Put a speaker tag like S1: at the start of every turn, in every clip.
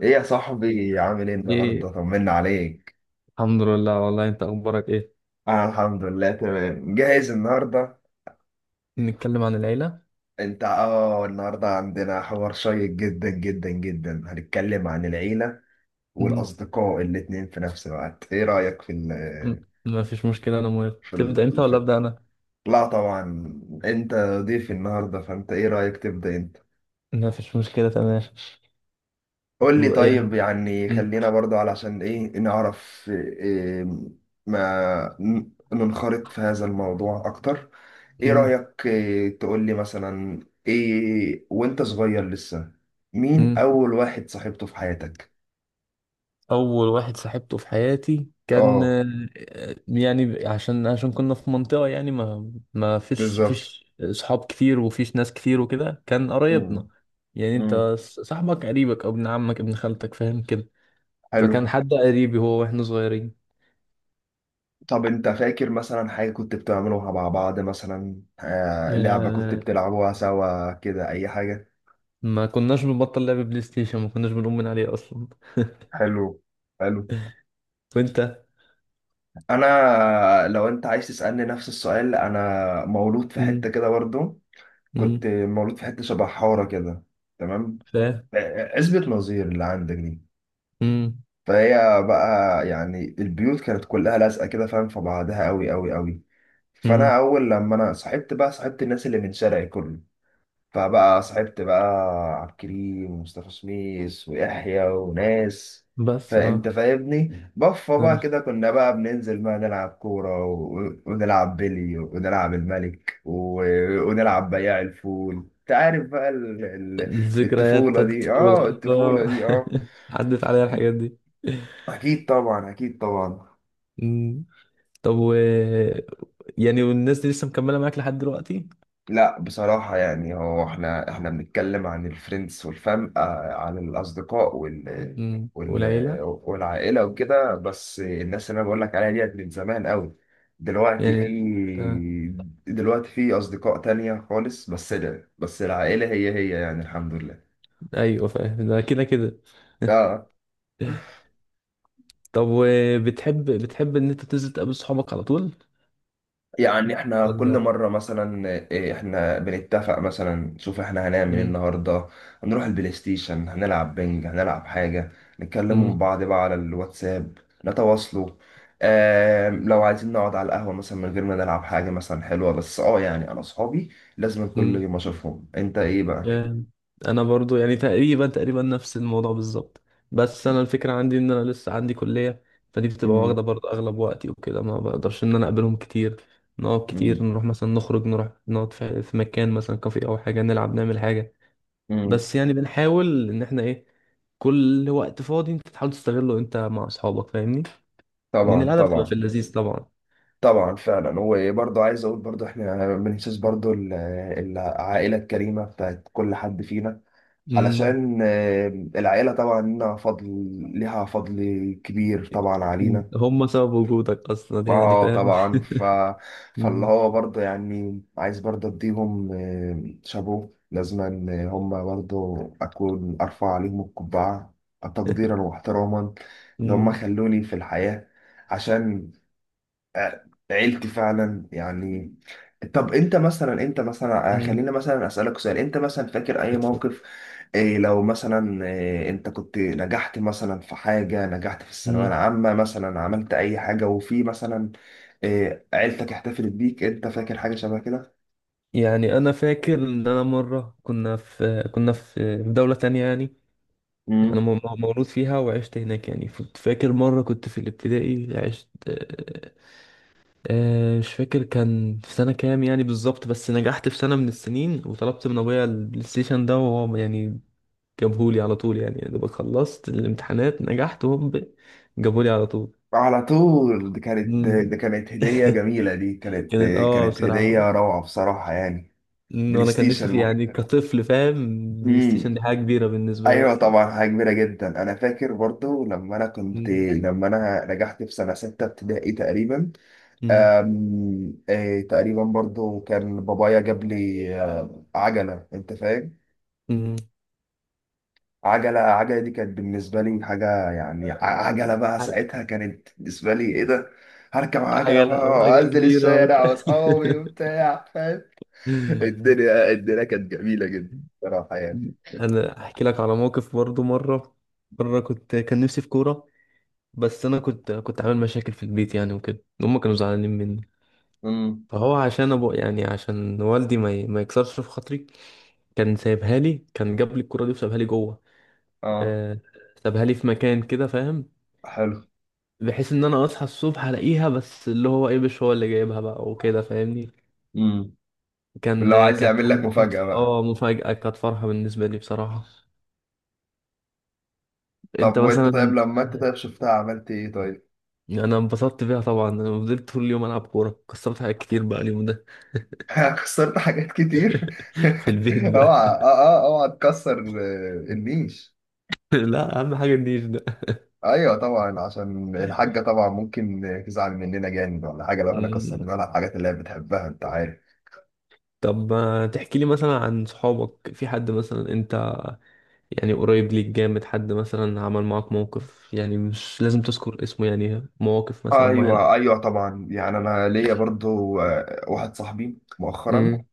S1: ايه يا صاحبي، عامل ايه
S2: ايه،
S1: النهارده؟ طمنا عليك.
S2: الحمد لله. والله انت اخبارك ايه؟
S1: انا الحمد لله تمام، جاهز النهارده.
S2: نتكلم عن العيلة.
S1: انت النهارده عندنا حوار شيق جدا جدا جدا، هنتكلم عن العيله
S2: م-
S1: والاصدقاء الاتنين في نفس الوقت. ايه رايك في ال
S2: م- ما فيش مشكلة، انا موافق.
S1: في,
S2: تبدأ انت
S1: ال
S2: ولا
S1: في...
S2: ابدأ انا؟
S1: لا طبعا. انت ضيف النهارده، فانت ايه رايك تبدا انت؟
S2: ما فيش مشكلة، تمام.
S1: قول لي طيب،
S2: يعني،
S1: يعني
S2: م-
S1: خلينا برضو علشان ايه نعرف إيه، ما ننخرط في هذا الموضوع اكتر. ايه
S2: م-
S1: رأيك، إيه تقول لي مثلا، ايه وانت صغير لسه، مين
S2: م.
S1: اول واحد صاحبته في حياتك؟
S2: اول واحد صاحبته في حياتي كان
S1: اه
S2: آه، آه، يعني عشان كنا في منطقة، يعني ما فيش
S1: بالظبط.
S2: فيش صحاب كتير، وفيش ناس كتير، وكده كان
S1: مم.
S2: قرايبنا. يعني انت
S1: مم.
S2: صاحبك قريبك، او ابن عمك، ابن خالتك، فاهم كده.
S1: حلو.
S2: فكان حد قريبي هو واحنا صغيرين
S1: طب انت فاكر مثلا حاجة كنت بتعملوها مع بعض، مثلا لعبة كنت
S2: آه،
S1: بتلعبوها سوا كده، اي حاجة؟
S2: ما كناش بنبطل لعب بلاي ستيشن، ما كناش بنقوم من عليه اصلا.
S1: حلو حلو.
S2: وانت؟
S1: انا لو انت عايز تسالني نفس السؤال، انا مولود في حته
S2: امم
S1: كده برضو. كنت
S2: امم
S1: مولود في حته شبه حاره كده. تمام.
S2: فاهم.
S1: اثبت نظير اللي عندك دي.
S2: امم
S1: فهي بقى يعني، البيوت كانت كلها لازقه كده، فاهم، في بعضها قوي قوي قوي.
S2: امم
S1: فانا اول لما انا صاحبت بقى، صاحبت الناس اللي من شارعي كله، فبقى صاحبت بقى عبد الكريم ومصطفى سميس ويحيى وناس.
S2: بس.
S1: فانت
S2: اه
S1: فاهمني، بفه بقى
S2: آه.
S1: كده كنا بقى بننزل بقى نلعب كورة ونلعب بلي ونلعب الملك ونلعب بياع الفول. انت عارف بقى
S2: الذكريات
S1: الطفولة
S2: بتاعت
S1: دي، اه
S2: الطفولة.
S1: الطفولة دي اه.
S2: عدت عليا الحاجات دي
S1: اكيد طبعا، اكيد طبعا.
S2: امم طب، و، يعني، والناس دي لسه مكملة معاك لحد دلوقتي؟
S1: لا بصراحة يعني، هو احنا بنتكلم عن الفريندز والفام، عن الأصدقاء وال وال
S2: والعيلة،
S1: والعائلة وكده. بس الناس اللي أنا بقول لك عليها ديت من زمان قوي. دلوقتي في
S2: يعني آه.
S1: دلوقتي في أصدقاء تانية خالص. بس لا، بس العائلة هي هي يعني، الحمد لله.
S2: ايوه، فاهم ده، كده كده.
S1: اه.
S2: طب، وبتحب بتحب ان انت تنزل تقابل صحابك على طول
S1: يعني احنا كل
S2: ولا؟
S1: مرة مثلا احنا بنتفق مثلا، نشوف احنا هنعمل ايه
S2: امم
S1: النهاردة، هنروح البلاي ستيشن، هنلعب بنج، هنلعب حاجة، نتكلموا مع بعض بقى على الواتساب، نتواصلوا. اه لو عايزين نقعد على القهوة مثلا من غير ما نلعب حاجة مثلا حلوة، بس اه يعني انا صحابي لازم كل
S2: امم
S1: يوم اشوفهم، انت ايه بقى؟
S2: جامد. انا برضو يعني تقريبا، تقريبا نفس الموضوع بالظبط. بس انا الفكره عندي ان انا لسه عندي كليه، فدي بتبقى
S1: مم.
S2: واخده برضو اغلب وقتي وكده، ما بقدرش ان انا اقابلهم كتير. نقعد كتير،
S1: مم.
S2: نروح مثلا، نخرج، نروح نقعد في مكان مثلا كافيه او حاجه، نلعب، نعمل حاجه.
S1: مم.
S2: بس يعني بنحاول ان احنا ايه، كل وقت فاضي انت تحاول تستغله انت مع اصحابك، فاهمني. لان
S1: طبعا
S2: القعده بتبقى في
S1: طبعا.
S2: اللذيذ طبعا
S1: طبعا فعلا. وبرضه عايز اقول، برضه احنا بنحسس برضه العائله الكريمه بتاعت كل حد فينا.
S2: امم
S1: علشان العيلة طبعا لنا فضل، لها فضل كبير طبعا
S2: مم.
S1: علينا.
S2: هم سبب وجودك اصلا، يعني،
S1: اه
S2: فاهم.
S1: طبعا فاللي
S2: مم.
S1: هو برضه يعني، عايز برضه اديهم شابو لازما، هم برضه اكون ارفع عليهم القبعة تقديرا واحتراما، اللي هم
S2: امم
S1: خلوني في الحياة. عشان عيلتي فعلا يعني. طب انت مثلا، انت مثلا
S2: امم
S1: خلينا مثلا اسالك سؤال. انت مثلا فاكر اي
S2: اتفضل.
S1: موقف لو مثلا انت كنت نجحت مثلا في حاجه، نجحت في الثانويه العامه مثلا، عملت اي حاجه، وفي مثلا عيلتك احتفلت بيك، انت فاكر حاجه شبه كده؟
S2: يعني انا فاكر ان انا مره كنا في دوله تانية، يعني انا
S1: مم.
S2: مولود فيها، وعشت هناك. يعني كنت فاكر مره كنت في الابتدائي عشت. مش فاكر كان في سنه كام يعني بالظبط، بس نجحت في سنه من السنين وطلبت من ابويا البلاي ستيشن ده، وهو يعني جابهولي على طول. يعني يا دوبك خلصت الامتحانات نجحت، وهم جابهولي على طول.
S1: على طول.
S2: مم.
S1: دي كانت هديه جميله، دي كانت
S2: كانت
S1: كانت
S2: بصراحه
S1: هديه روعه بصراحه يعني.
S2: إن
S1: بلاي
S2: انا كان نفسي
S1: ستيشن.
S2: فيه، يعني كطفل فاهم. بلاي ستيشن دي حاجه كبيره بالنسبه له
S1: ايوه
S2: اصلا.
S1: طبعا، حاجه كبيره جدا. انا فاكر برضو
S2: مم.
S1: لما انا نجحت في سنه سته ابتدائي تقريبا.
S2: مم.
S1: أم... آه، تقريبا برضو كان بابايا جاب لي عجله. انت فاهم،
S2: مم.
S1: عجله دي كانت بالنسبه لي حاجه يعني. عجله بقى
S2: عج-
S1: ساعتها كانت بالنسبه لي، ايه ده هركب عجله
S2: عجلة،
S1: بقى
S2: وعجلة
S1: وانزل
S2: كبيرة،
S1: الشارع واصحابي وبتاع فاهم. الدنيا كانت جميله جدا، صراحه يعني.
S2: أنا أحكي لك على موقف برضو مرة. مرة كان نفسي في كورة. بس أنا كنت عامل مشاكل في البيت، يعني وكده هما كانوا زعلانين مني.
S1: امم.
S2: فهو عشان يعني، عشان والدي، ما يكسرش في خاطري، كان جاب لي الكورة دي وسابها لي جوه
S1: اه.
S2: آه، سابها لي في مكان كده، فاهم.
S1: حلو.
S2: بحيث ان انا اصحى الصبح الاقيها، بس اللي هو ايه، مش هو اللي جايبها بقى وكده، فاهمني.
S1: امم. لو عايز
S2: كانت
S1: يعمل لك مفاجاه بقى.
S2: مفاجأة، كانت فرحة بالنسبة لي بصراحة.
S1: طب
S2: انت
S1: وانت، طيب
S2: مثلا؟
S1: لما انت طيب شفتها عملت ايه طيب؟
S2: انا انبسطت بيها طبعا، انا فضلت طول اليوم العب كورة، كسرت حاجات كتير بقى اليوم ده.
S1: خسرت حاجات كتير
S2: في البيت بقى.
S1: اوعى اه اه اوعى تكسر النيش.
S2: لا، اهم حاجة النيش ده.
S1: ايوه طبعا، عشان الحاجه طبعا ممكن تزعل مننا جامد ولا حاجه لو احنا
S2: مم.
S1: كسرنا لها الحاجات اللي هي بتحبها، انت عارف.
S2: طب ما تحكي لي مثلا عن صحابك، في حد مثلا انت يعني قريب ليك جامد، حد مثلا عمل معاك موقف، يعني مش لازم تذكر اسمه، يعني مواقف مثلا
S1: ايوه
S2: معينة.
S1: ايوه طبعا يعني. انا ليا برضو واحد صاحبي مؤخرا.
S2: امم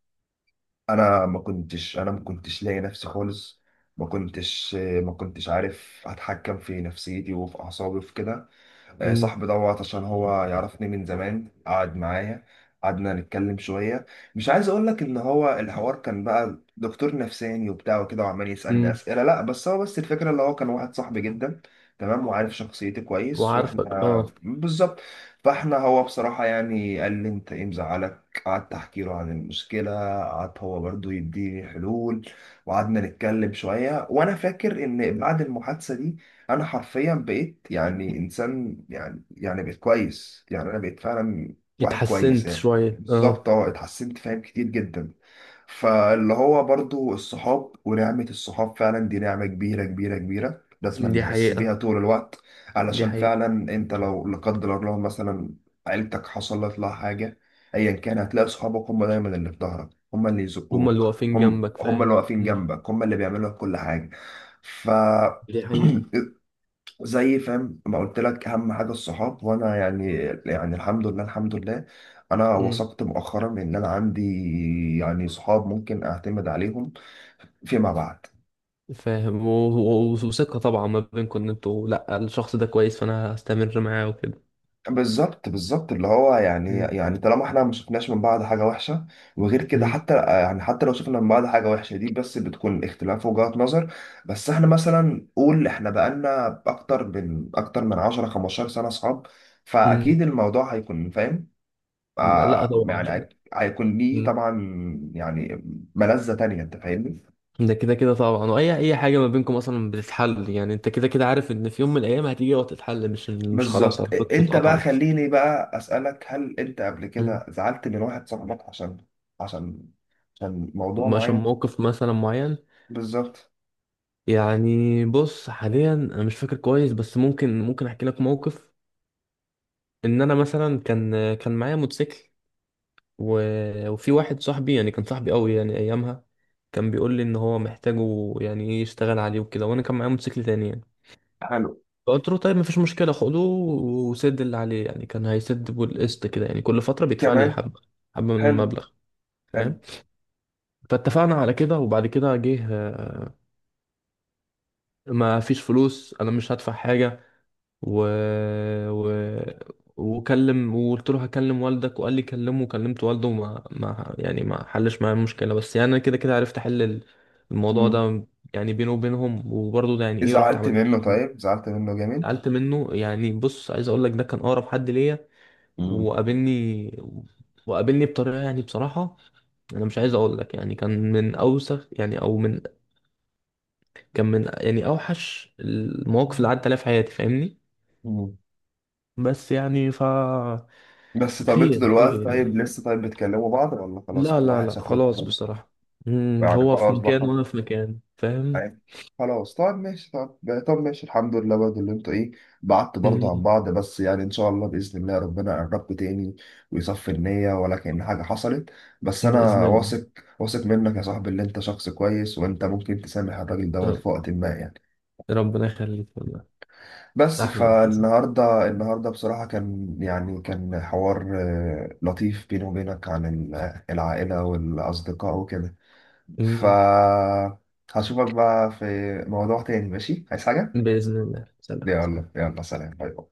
S1: انا ما كنتش لاقي نفسي خالص. ما كنتش عارف اتحكم في نفسيتي وفي اعصابي وفي كده. صاحبي دوت عشان هو يعرفني من زمان، قعد معايا، قعدنا نتكلم شوية. مش عايز اقول لك ان هو الحوار كان بقى دكتور نفساني وبتاع وكده وعمال يسألني
S2: امم
S1: أسئلة، لا بس الفكرة اللي هو كان واحد صاحبي جدا، تمام، وعارف شخصيتي كويس،
S2: وعارفك،
S1: واحنا
S2: اه.
S1: بالظبط. فاحنا هو بصراحة يعني قال لي انت ايه مزعلك، قعدت احكي له عن المشكلة، قعد هو برضو يديني حلول، وقعدنا نتكلم شوية، وانا فاكر ان بعد المحادثة دي انا حرفيا بقيت يعني انسان، يعني بقيت كويس يعني، انا بقيت فعلا واحد كويس
S2: اتحسنت
S1: يعني.
S2: شوية، اه.
S1: بالظبط اه اتحسنت فاهم، كتير جدا. فاللي هو برضو الصحاب، ونعمة الصحاب فعلا دي نعمة كبيرة كبيرة كبيرة، لازم
S2: دي
S1: نحس بيها
S2: حقيقة.
S1: طول الوقت،
S2: دي
S1: علشان
S2: حقيقة.
S1: فعلا انت لو لا قدر الله مثلا عيلتك حصلت لها حاجة، ايا كان هتلاقي صحابك هم دايما اللي في ظهرك، هم اللي
S2: هما اللي
S1: يزقوك،
S2: واقفين جنبك،
S1: هم
S2: فاهم.
S1: اللي واقفين
S2: مم.
S1: جنبك، هم اللي بيعملوا لك كل حاجة. ف
S2: دي حقيقة.
S1: زي فاهم ما قلت لك، اهم حاجه الصحاب. وانا يعني، يعني الحمد لله الحمد لله، انا
S2: مم.
S1: وثقت مؤخرا ان انا عندي يعني صحاب ممكن اعتمد عليهم فيما بعد.
S2: فاهم. وثقة طبعا ما بينكم، ان انتوا لا، الشخص ده كويس فانا هستمر معاه وكده.
S1: بالظبط بالظبط، اللي هو يعني
S2: مم.
S1: طالما احنا ما شفناش من بعض حاجه وحشه، وغير كده
S2: مم.
S1: حتى يعني حتى لو شفنا من بعض حاجه وحشه، دي بس بتكون اختلاف وجهات نظر. بس احنا مثلا، قول احنا بقالنا اكتر من 10 15 سنه صحاب.
S2: مم.
S1: فاكيد الموضوع هيكون فاهم،
S2: لا طبعا،
S1: يعني
S2: يعني.
S1: هيكون ليه
S2: مم.
S1: طبعا، يعني ملذة تانية، انت فاهمني.
S2: ده كده كده طبعا، واي حاجة ما بينكم اصلا بتتحل. يعني انت كده كده عارف ان في يوم من الايام هتيجي وتتحل، مش خلاص
S1: بالظبط.
S2: علاقتكم
S1: انت بقى
S2: اتقطعت.
S1: خليني بقى اسألك، هل انت قبل
S2: مم.
S1: كده زعلت من واحد صاحبك عشان عشان موضوع
S2: عشان
S1: معين؟
S2: موقف مثلا معين؟
S1: بالظبط
S2: يعني بص، حاليا انا مش فاكر كويس، بس ممكن احكي لك موقف. ان انا مثلا كان معايا موتوسيكل، و... وفي واحد صاحبي، يعني كان صاحبي قوي يعني ايامها، كان بيقول لي ان هو محتاجه، يعني ايه، يشتغل عليه وكده. وانا كان معايا موتوسيكل تاني يعني،
S1: حلو
S2: فقلت له طيب مفيش مشكله، خده وسد اللي عليه. يعني كان هيسد بالقسط كده، يعني كل فتره بيدفع لي
S1: كمان
S2: حبه حبه من
S1: حلو
S2: المبلغ،
S1: حلو.
S2: فاهم. فاتفقنا على كده. وبعد كده جه. ما فيش فلوس، انا مش هدفع حاجه. و... و... وقلت له هكلم والدك، وقال لي كلمه، وكلمت والده، وما ما يعني، ما حلش معايا المشكله، بس يعني انا كده كده عرفت احل الموضوع
S1: مم.
S2: ده. يعني بينه وبينهم، وبرضه ده يعني ايه رحت
S1: زعلت
S2: عملت،
S1: منه طيب، زعلت منه جامد.
S2: سألت منه. يعني بص، عايز اقول لك ده كان اقرب حد ليا،
S1: مم.
S2: وقابلني وقابلني بطريقه يعني بصراحه، انا مش عايز اقول لك، يعني كان من اوسخ، يعني او من، كان من يعني اوحش المواقف اللي عدت عليها في حياتي، فاهمني.
S1: مم.
S2: بس، يعني.
S1: بس طب، انتوا
S2: خير،
S1: دلوقتي
S2: خير،
S1: طيب
S2: يعني.
S1: لسه طيب بتكلموا بعض ولا خلاص
S2: لا،
S1: كل
S2: لا،
S1: واحد
S2: لا،
S1: شاف له
S2: خلاص
S1: طريقه؟
S2: بصراحة.
S1: يعني
S2: هو في
S1: خلاص
S2: مكان
S1: بقى،
S2: وأنا في مكان، فاهم.
S1: عارف، خلاص. طب ماشي، طب طب ماشي الحمد لله برضه اللي انتوا ايه، بعدت برضه عن
S2: مم.
S1: بعض. بس يعني ان شاء الله، باذن الله ربنا يقربكم تاني ويصفي النية ولا كأن حاجه حصلت. بس
S2: بإذن
S1: انا
S2: الله.
S1: واثق، واثق منك يا صاحبي، اللي انت شخص كويس وانت ممكن تسامح الراجل دوت
S2: رب-
S1: في وقت ما يعني.
S2: ربنا يخليك والله.
S1: بس
S2: أحلى ابتسامة.
S1: النهارده بصراحه كان حوار لطيف بيني وبينك عن العائله والاصدقاء وكده. ف
S2: مم.
S1: هشوفك بقى في موضوع تاني ماشي، عايز حاجه؟
S2: بإذن الله. سلام،
S1: يلا
S2: سلام.
S1: يلا، سلام باي باي.